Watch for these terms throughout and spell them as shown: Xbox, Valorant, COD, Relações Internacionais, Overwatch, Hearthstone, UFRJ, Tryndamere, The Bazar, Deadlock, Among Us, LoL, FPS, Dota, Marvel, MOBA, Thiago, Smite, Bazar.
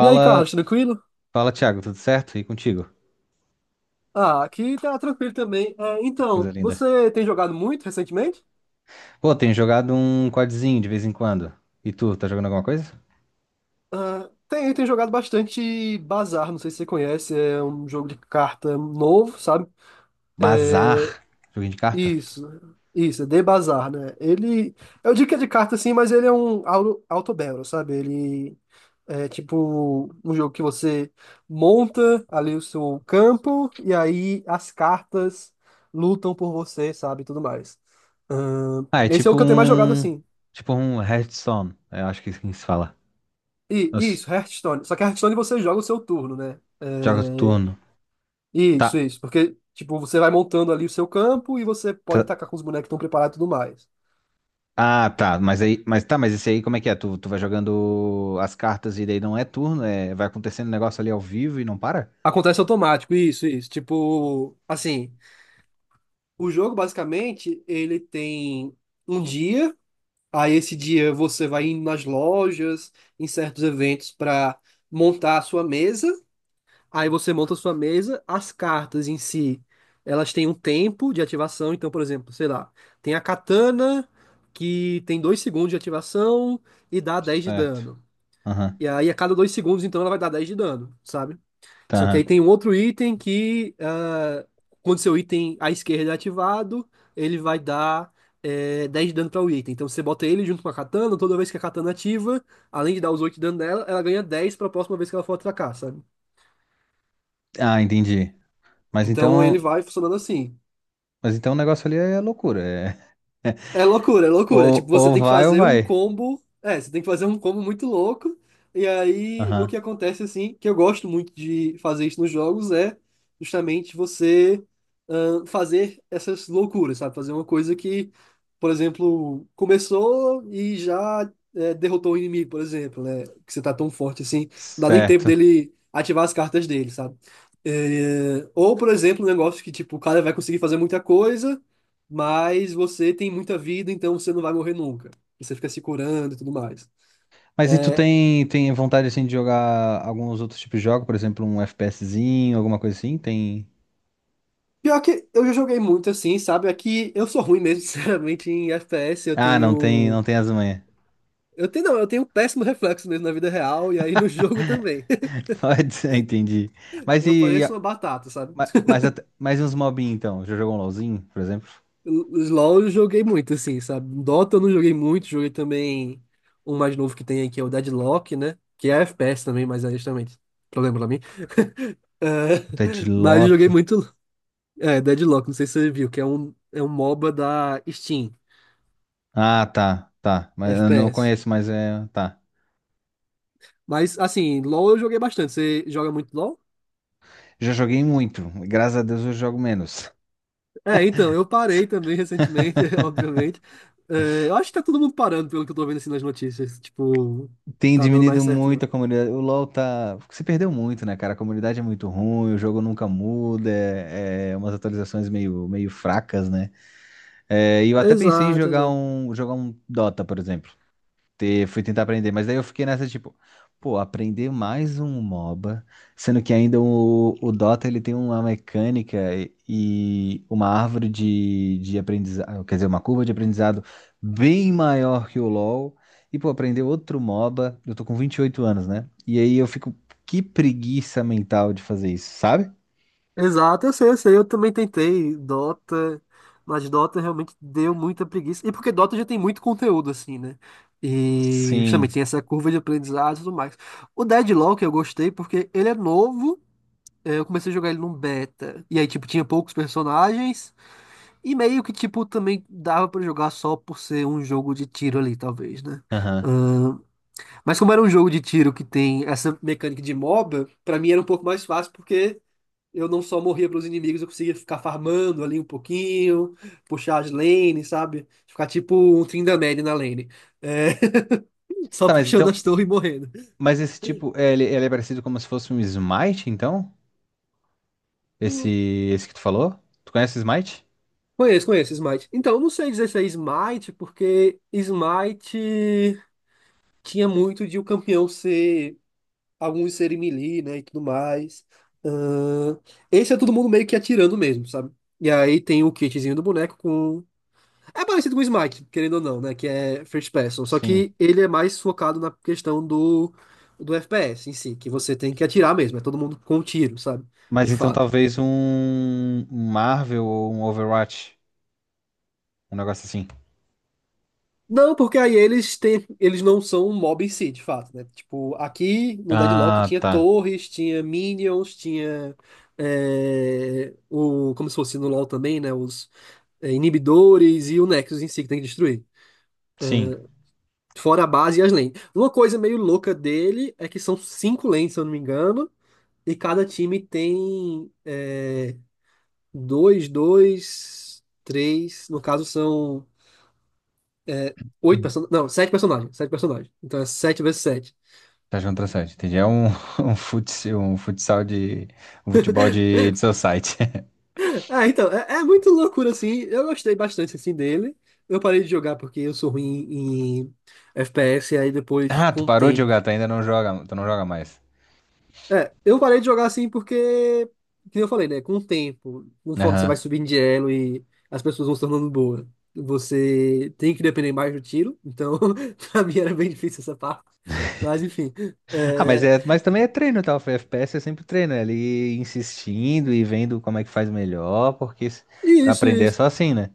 E aí, Carlos, tranquilo? fala, Thiago, tudo certo? E contigo? Ah, aqui tá tranquilo também. É, Coisa então, linda. você tem jogado muito recentemente? Pô, tenho jogado um CODzinho de vez em quando. E tu, tá jogando alguma coisa? Ah, tem jogado bastante Bazar, não sei se você conhece, é um jogo de carta novo, sabe? É, Bazar, joguinho de carta? isso, isso, é The Bazar, né? Eu digo que é de carta sim, mas ele é um auto-battle, sabe? Ele É tipo um jogo que você monta ali o seu campo e aí as cartas lutam por você, sabe, e tudo mais. Ah, é Esse é o tipo que eu tenho mais jogado um, assim. tipo um Hearthstone, eu acho que é assim que se fala. E Os isso, Hearthstone. Só que Hearthstone você joga o seu turno, né? jogos de É, turno. isso, Tá, isso. Porque, tipo, você vai montando ali o seu campo e você pode tá. tacar com os bonecos que estão preparados e tudo mais. Ah, tá, mas esse aí como é que é? Tu vai jogando as cartas e daí não é turno, é, vai acontecendo um negócio ali ao vivo e não para? Acontece automático, isso, isso. Tipo, assim, o jogo basicamente ele tem um dia. Aí esse dia você vai indo nas lojas, em certos eventos para montar a sua mesa. Aí você monta a sua mesa, as cartas em si, elas têm um tempo de ativação, então, por exemplo, sei lá, tem a katana que tem 2 segundos de ativação e dá 10 de Certo. dano. Aham, E aí a cada 2 segundos então ela vai dar 10 de dano, sabe? Só que tá. aí tem um outro item que, ah, quando seu item à esquerda é ativado, ele vai dar 10 de dano para o item. Então você bota ele junto com a katana, toda vez que a katana ativa, além de dar os 8 de dano dela, ela ganha 10 para a próxima vez que ela for atacar, sabe? Ah, entendi. Mas Então ele então, vai funcionando assim. mas então o negócio ali é loucura, é. É loucura, é loucura. Tipo, Ou, você ou tem que vai ou fazer um vai. combo. É, você tem que fazer um combo muito louco. E aí, o Aham. que acontece, assim, que eu gosto muito de fazer isso nos jogos é justamente você fazer essas loucuras, sabe? Fazer uma coisa que, por exemplo, começou e já derrotou o inimigo, por exemplo, né? Que você tá tão forte assim, não dá nem tempo Certo. dele ativar as cartas dele, sabe? Ou, por exemplo, um negócio que, tipo, o cara vai conseguir fazer muita coisa, mas você tem muita vida, então você não vai morrer nunca. Você fica se curando e tudo mais. Mas e tu É, tem vontade assim de jogar alguns outros tipos de jogo, por exemplo, um FPSzinho, alguma coisa assim? Tem. pior que eu já joguei muito assim, sabe? Aqui eu sou ruim mesmo, sinceramente, em FPS. Eu Ah, não tem, tenho. não tem as manhas. Eu tenho, não, eu tenho um péssimo reflexo mesmo na vida real e aí no jogo também. Pode ser, entendi. Mas Eu e, e pareço a- uma batata, sabe? mas e uns mobinhos então? Já jogou um LoLzinho, por exemplo? Os LoL eu joguei muito, assim, sabe? Dota eu não joguei muito, joguei também um mais novo que tem aqui, é o Deadlock, né? Que é FPS também, mas é justamente problema pra mim. É, O mas eu joguei Deadlock. muito. Deadlock, não sei se você viu, que é um MOBA da Steam, Ah, tá, tá. Mas eu não FPS. conheço, mas é, tá. Mas, assim, LoL eu joguei bastante. Você joga muito LoL? Já joguei muito. Graças a Deus eu jogo menos. É, então, eu parei também recentemente, obviamente. É, eu acho que tá todo mundo parando, pelo que eu tô vendo assim nas notícias. Tipo, não Tem tá dando diminuído mais certo, muito a não. comunidade. O LoL tá. Se perdeu muito, né, cara? A comunidade é muito ruim, o jogo nunca muda, é umas atualizações meio, meio fracas, né? É, e eu até pensei em Exato, jogar exato. um, jogar um Dota, por exemplo, fui tentar aprender, mas daí eu fiquei nessa, tipo, pô, aprender mais um MOBA, sendo que ainda o, Dota, ele tem uma mecânica e uma árvore de aprendizado, quer dizer, uma curva de aprendizado bem maior que o LoL, e, pô, aprender outro MOBA, eu tô com 28 anos, né? E aí eu fico, que preguiça mental de fazer isso, sabe? Exato, eu sei, eu sei. Eu também tentei Dota, mas Dota realmente deu muita preguiça. E porque Dota já tem muito conteúdo, assim, né? E Sim, justamente tem essa curva de aprendizado e tudo mais. O Deadlock eu gostei porque ele é novo. Eu comecei a jogar ele num beta. E aí, tipo, tinha poucos personagens. E meio que, tipo, também dava pra jogar só por ser um jogo de tiro ali, talvez, né? aham. Ahn, mas como era um jogo de tiro que tem essa mecânica de MOBA, pra mim era um pouco mais fácil porque eu não só morria para os inimigos, eu conseguia ficar farmando ali um pouquinho, puxar as lanes, sabe? Ficar tipo um Tryndamere na lane. É, só Tá, mas puxando então, as torres e morrendo. mas esse tipo, ele é parecido como se fosse um Smite, então? Esse, Hum, esse que tu falou? Tu conhece Smite? Conheço, conheço Smite. Então, eu não sei dizer se é Smite, porque Smite tinha muito de o campeão ser, alguns serem melee, né, e tudo mais. Ahn, Esse é todo mundo meio que atirando mesmo, sabe? E aí tem o kitzinho do boneco com É parecido com o Smite, querendo ou não, né? Que é first person. Só Sim. que ele é mais focado na questão do, do FPS em si, que você tem que atirar mesmo. É todo mundo com um tiro, sabe? Mas De então fato. talvez um Marvel ou um Overwatch, um negócio assim. Não, porque aí eles não são um mob em si, de fato, né? Tipo, aqui no Deadlock Ah, tinha tá. torres, tinha minions, tinha como se fosse no LoL também, né? Os inibidores e o Nexus em si que tem que destruir. Sim. Fora a base e as lanes. Uma coisa meio louca dele é que são cinco lanes, se eu não me engano. E cada time tem dois, dois, três. No caso, são oito personagens. Não, sete personagens. Sete personagens. Então é sete vezes sete. Tá jogando outra site, entendi. É um, um futsal de. Um futebol de society. Ah então, é muito loucura, assim. Eu gostei bastante, assim, dele. Eu parei de jogar porque eu sou ruim em FPS, e aí depois, Ah, tu com o parou de tempo. jogar, tu ainda não joga, tu não joga mais. É, eu parei de jogar assim porque, como eu falei, né? Com o tempo, conforme você vai Aham. subindo de elo e as pessoas vão se tornando boas, você tem que depender mais do tiro. Então, pra mim era bem difícil essa parte. Mas, enfim. Ah, mas, É... é, mas também é treino, tá? O FPS é sempre treino, é ali insistindo e vendo como é que faz melhor, porque pra Isso, aprender é isso. só assim, né?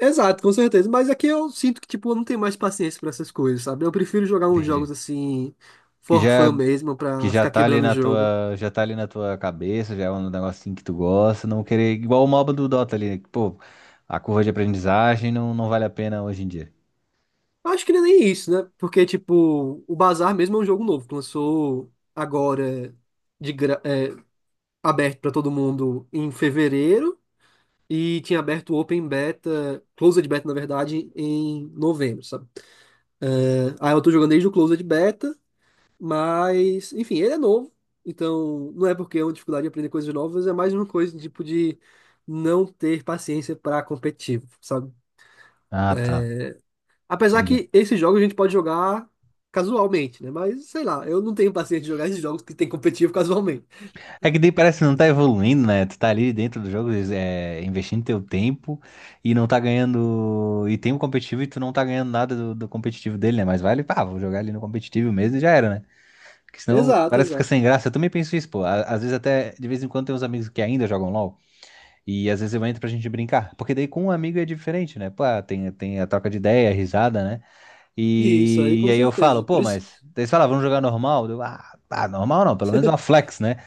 Exato, com certeza. Mas aqui eu sinto que, tipo, eu não tenho mais paciência pra essas coisas, sabe? Eu prefiro jogar uns Entendi. jogos assim, Que for já fun mesmo, que pra já ficar tá ali quebrando o na jogo. tua, já tá ali na tua cabeça, já é um negocinho que tu gosta, não querer igual o MOBA do Dota ali, né, que, pô, a curva de aprendizagem não, não vale a pena hoje em dia. Acho que não é nem isso, né? Porque, tipo, o Bazar mesmo é um jogo novo, que lançou agora. De gra... Aberto para todo mundo em fevereiro e tinha aberto o Open Beta, Closed Beta, na verdade, em novembro, sabe? Aí eu tô jogando desde o Closed Beta, mas, enfim, ele é novo. Então, não é porque é uma dificuldade de aprender coisas novas, é mais uma coisa tipo de não ter paciência para competitivo, sabe? Ah, tá. Apesar Entendi. que esses jogos a gente pode jogar casualmente, né? Mas, sei lá, eu não tenho paciência de jogar esses jogos que tem competitivo casualmente. É que daí parece que não tá evoluindo, né? Tu tá ali dentro do jogo, é, investindo teu tempo e não tá ganhando. E tem um competitivo e tu não tá ganhando nada do competitivo dele, né? Mas vale, pá, vou jogar ali no competitivo mesmo e já era, né? Porque senão Exato, parece que fica exato. sem graça. Eu também penso isso, pô. Às vezes até, de vez em quando, tem uns amigos que ainda jogam LOL. E às vezes eu entro pra gente brincar. Porque daí com um amigo é diferente, né? Pô, tem, tem a troca de ideia, a risada, né? E isso aí, E com aí eu falo, certeza. Por pô, isso. mas. Daí eles falam, vamos jogar normal? Eu, ah, tá, normal não, pelo menos uma flex, né?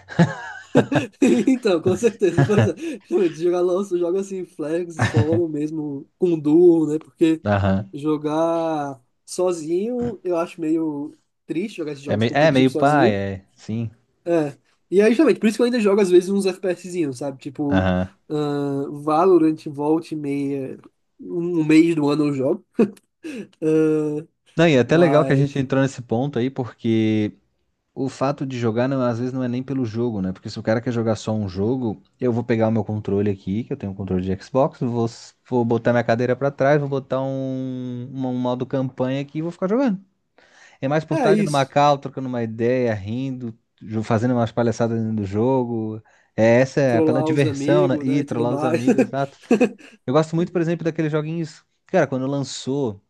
Então, com certeza. Pois é. Realmente, joga assim, flex, solo mesmo, com duo, né? Porque Aham. jogar sozinho, eu acho meio triste jogar esses jogos É competitivos meio pai, sozinho. é. Sim. É. E aí, justamente, por isso que eu ainda jogo, às vezes, uns FPSzinhos, sabe? Tipo, Aham. Valorant, volta e meia, um mês do ano eu jogo. Ahn, Não, e é até legal que a mas, gente entrou nesse ponto aí, porque o fato de jogar, às vezes, não é nem pelo jogo, né? Porque se o cara quer jogar só um jogo, eu vou pegar o meu controle aqui, que eu tenho um controle de Xbox, vou, vou botar minha cadeira pra trás, vou botar um modo campanha aqui e vou ficar jogando. É mais por estar é ali numa isso. call, trocando uma ideia, rindo, fazendo umas palhaçadas dentro do jogo. É, essa é pela Trollar os diversão, né? amigos, né, E e tudo trollar os mais. amigos, exato. Eu gosto muito, por exemplo, daqueles joguinhos. Cara, quando lançou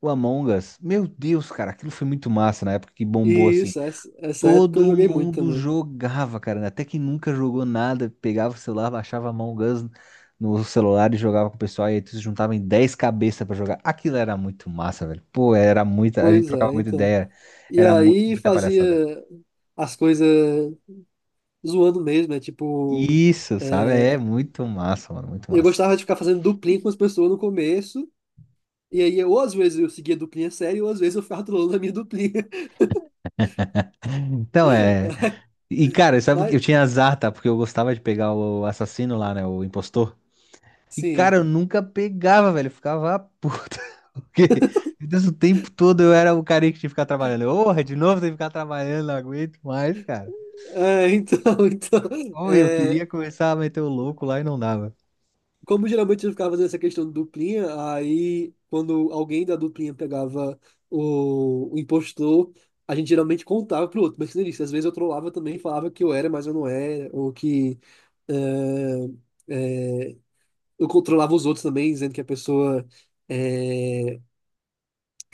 o Among Us, meu Deus, cara, aquilo foi muito massa na época que E bombou assim. isso, essa época eu Todo joguei muito mundo também. jogava, cara. Até quem nunca jogou nada, pegava o celular, baixava a mão Us no celular e jogava com o pessoal. E aí tu se juntava em 10 cabeças pra jogar. Aquilo era muito massa, velho. Pô, era muita. A gente Pois trocava é, muita então. ideia. E Era mu- aí muita palhaçada. fazia as coisas zoando mesmo. Isso, sabe? é, É muito massa, mano. Muito eu massa. gostava de ficar fazendo duplinha com as pessoas no começo, e aí ou às vezes eu seguia a duplinha séria, ou às vezes eu ficava trolando a minha duplinha. Então é. E, cara, sabe que Mas, eu tinha azar, tá? Porque eu gostava de pegar o assassino lá, né? O impostor. E, sim. cara, eu nunca pegava, velho. Eu ficava puta. Porque, Deus, o tempo todo eu era o cara que tinha que ficar trabalhando. Porra, de novo tem que ficar trabalhando, não aguento mais, cara. É, então, então. Ou eu é, queria começar a meter o louco lá e não dava. Como geralmente eu ficava fazendo essa questão de duplinha, aí quando alguém da duplinha pegava o impostor. A gente geralmente contava pro outro, mas como eu disse, às vezes eu trollava também, falava que eu era, mas eu não era, ou que É, é, eu controlava os outros também, dizendo que a pessoa é,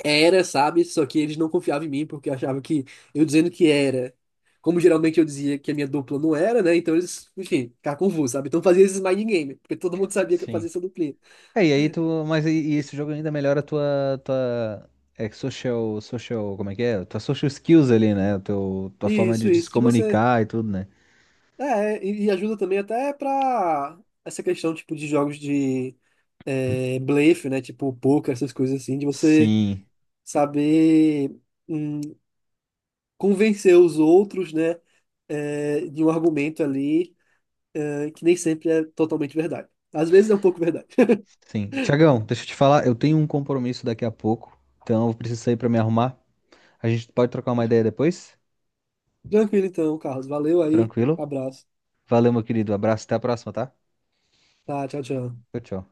era, sabe? Só que eles não confiavam em mim porque achavam que eu dizendo que era. Como geralmente eu dizia que a minha dupla não era, né? Então eles, enfim, ficavam confusos, sabe? Então eu fazia esses mind game, porque todo mundo sabia que eu fazia Sim. essa duplinha. É, e aí tu. Mas e esse jogo ainda melhora a tua, tua. É, que social. Social. Como é que é? Tua social skills ali, né? Teu, tua forma de, Isso, de se isso, de você. comunicar e tudo, né? E ajuda também até pra essa questão, tipo, de jogos de blefe, né? Tipo, poker, essas coisas assim, de você Sim. saber. hum, Convencer os outros, né, de um argumento ali, que nem sempre é totalmente verdade. Às vezes é um pouco verdade. Sim. Tiagão, deixa eu te falar, eu tenho um compromisso daqui a pouco. Então eu preciso sair pra me arrumar. A gente pode trocar uma ideia depois? Tranquilo então, Carlos. Valeu aí. Tranquilo? Abraço. Valeu, meu querido. Abraço, até a próxima, tá? Tá, tchau, tchau. Tchau, tchau.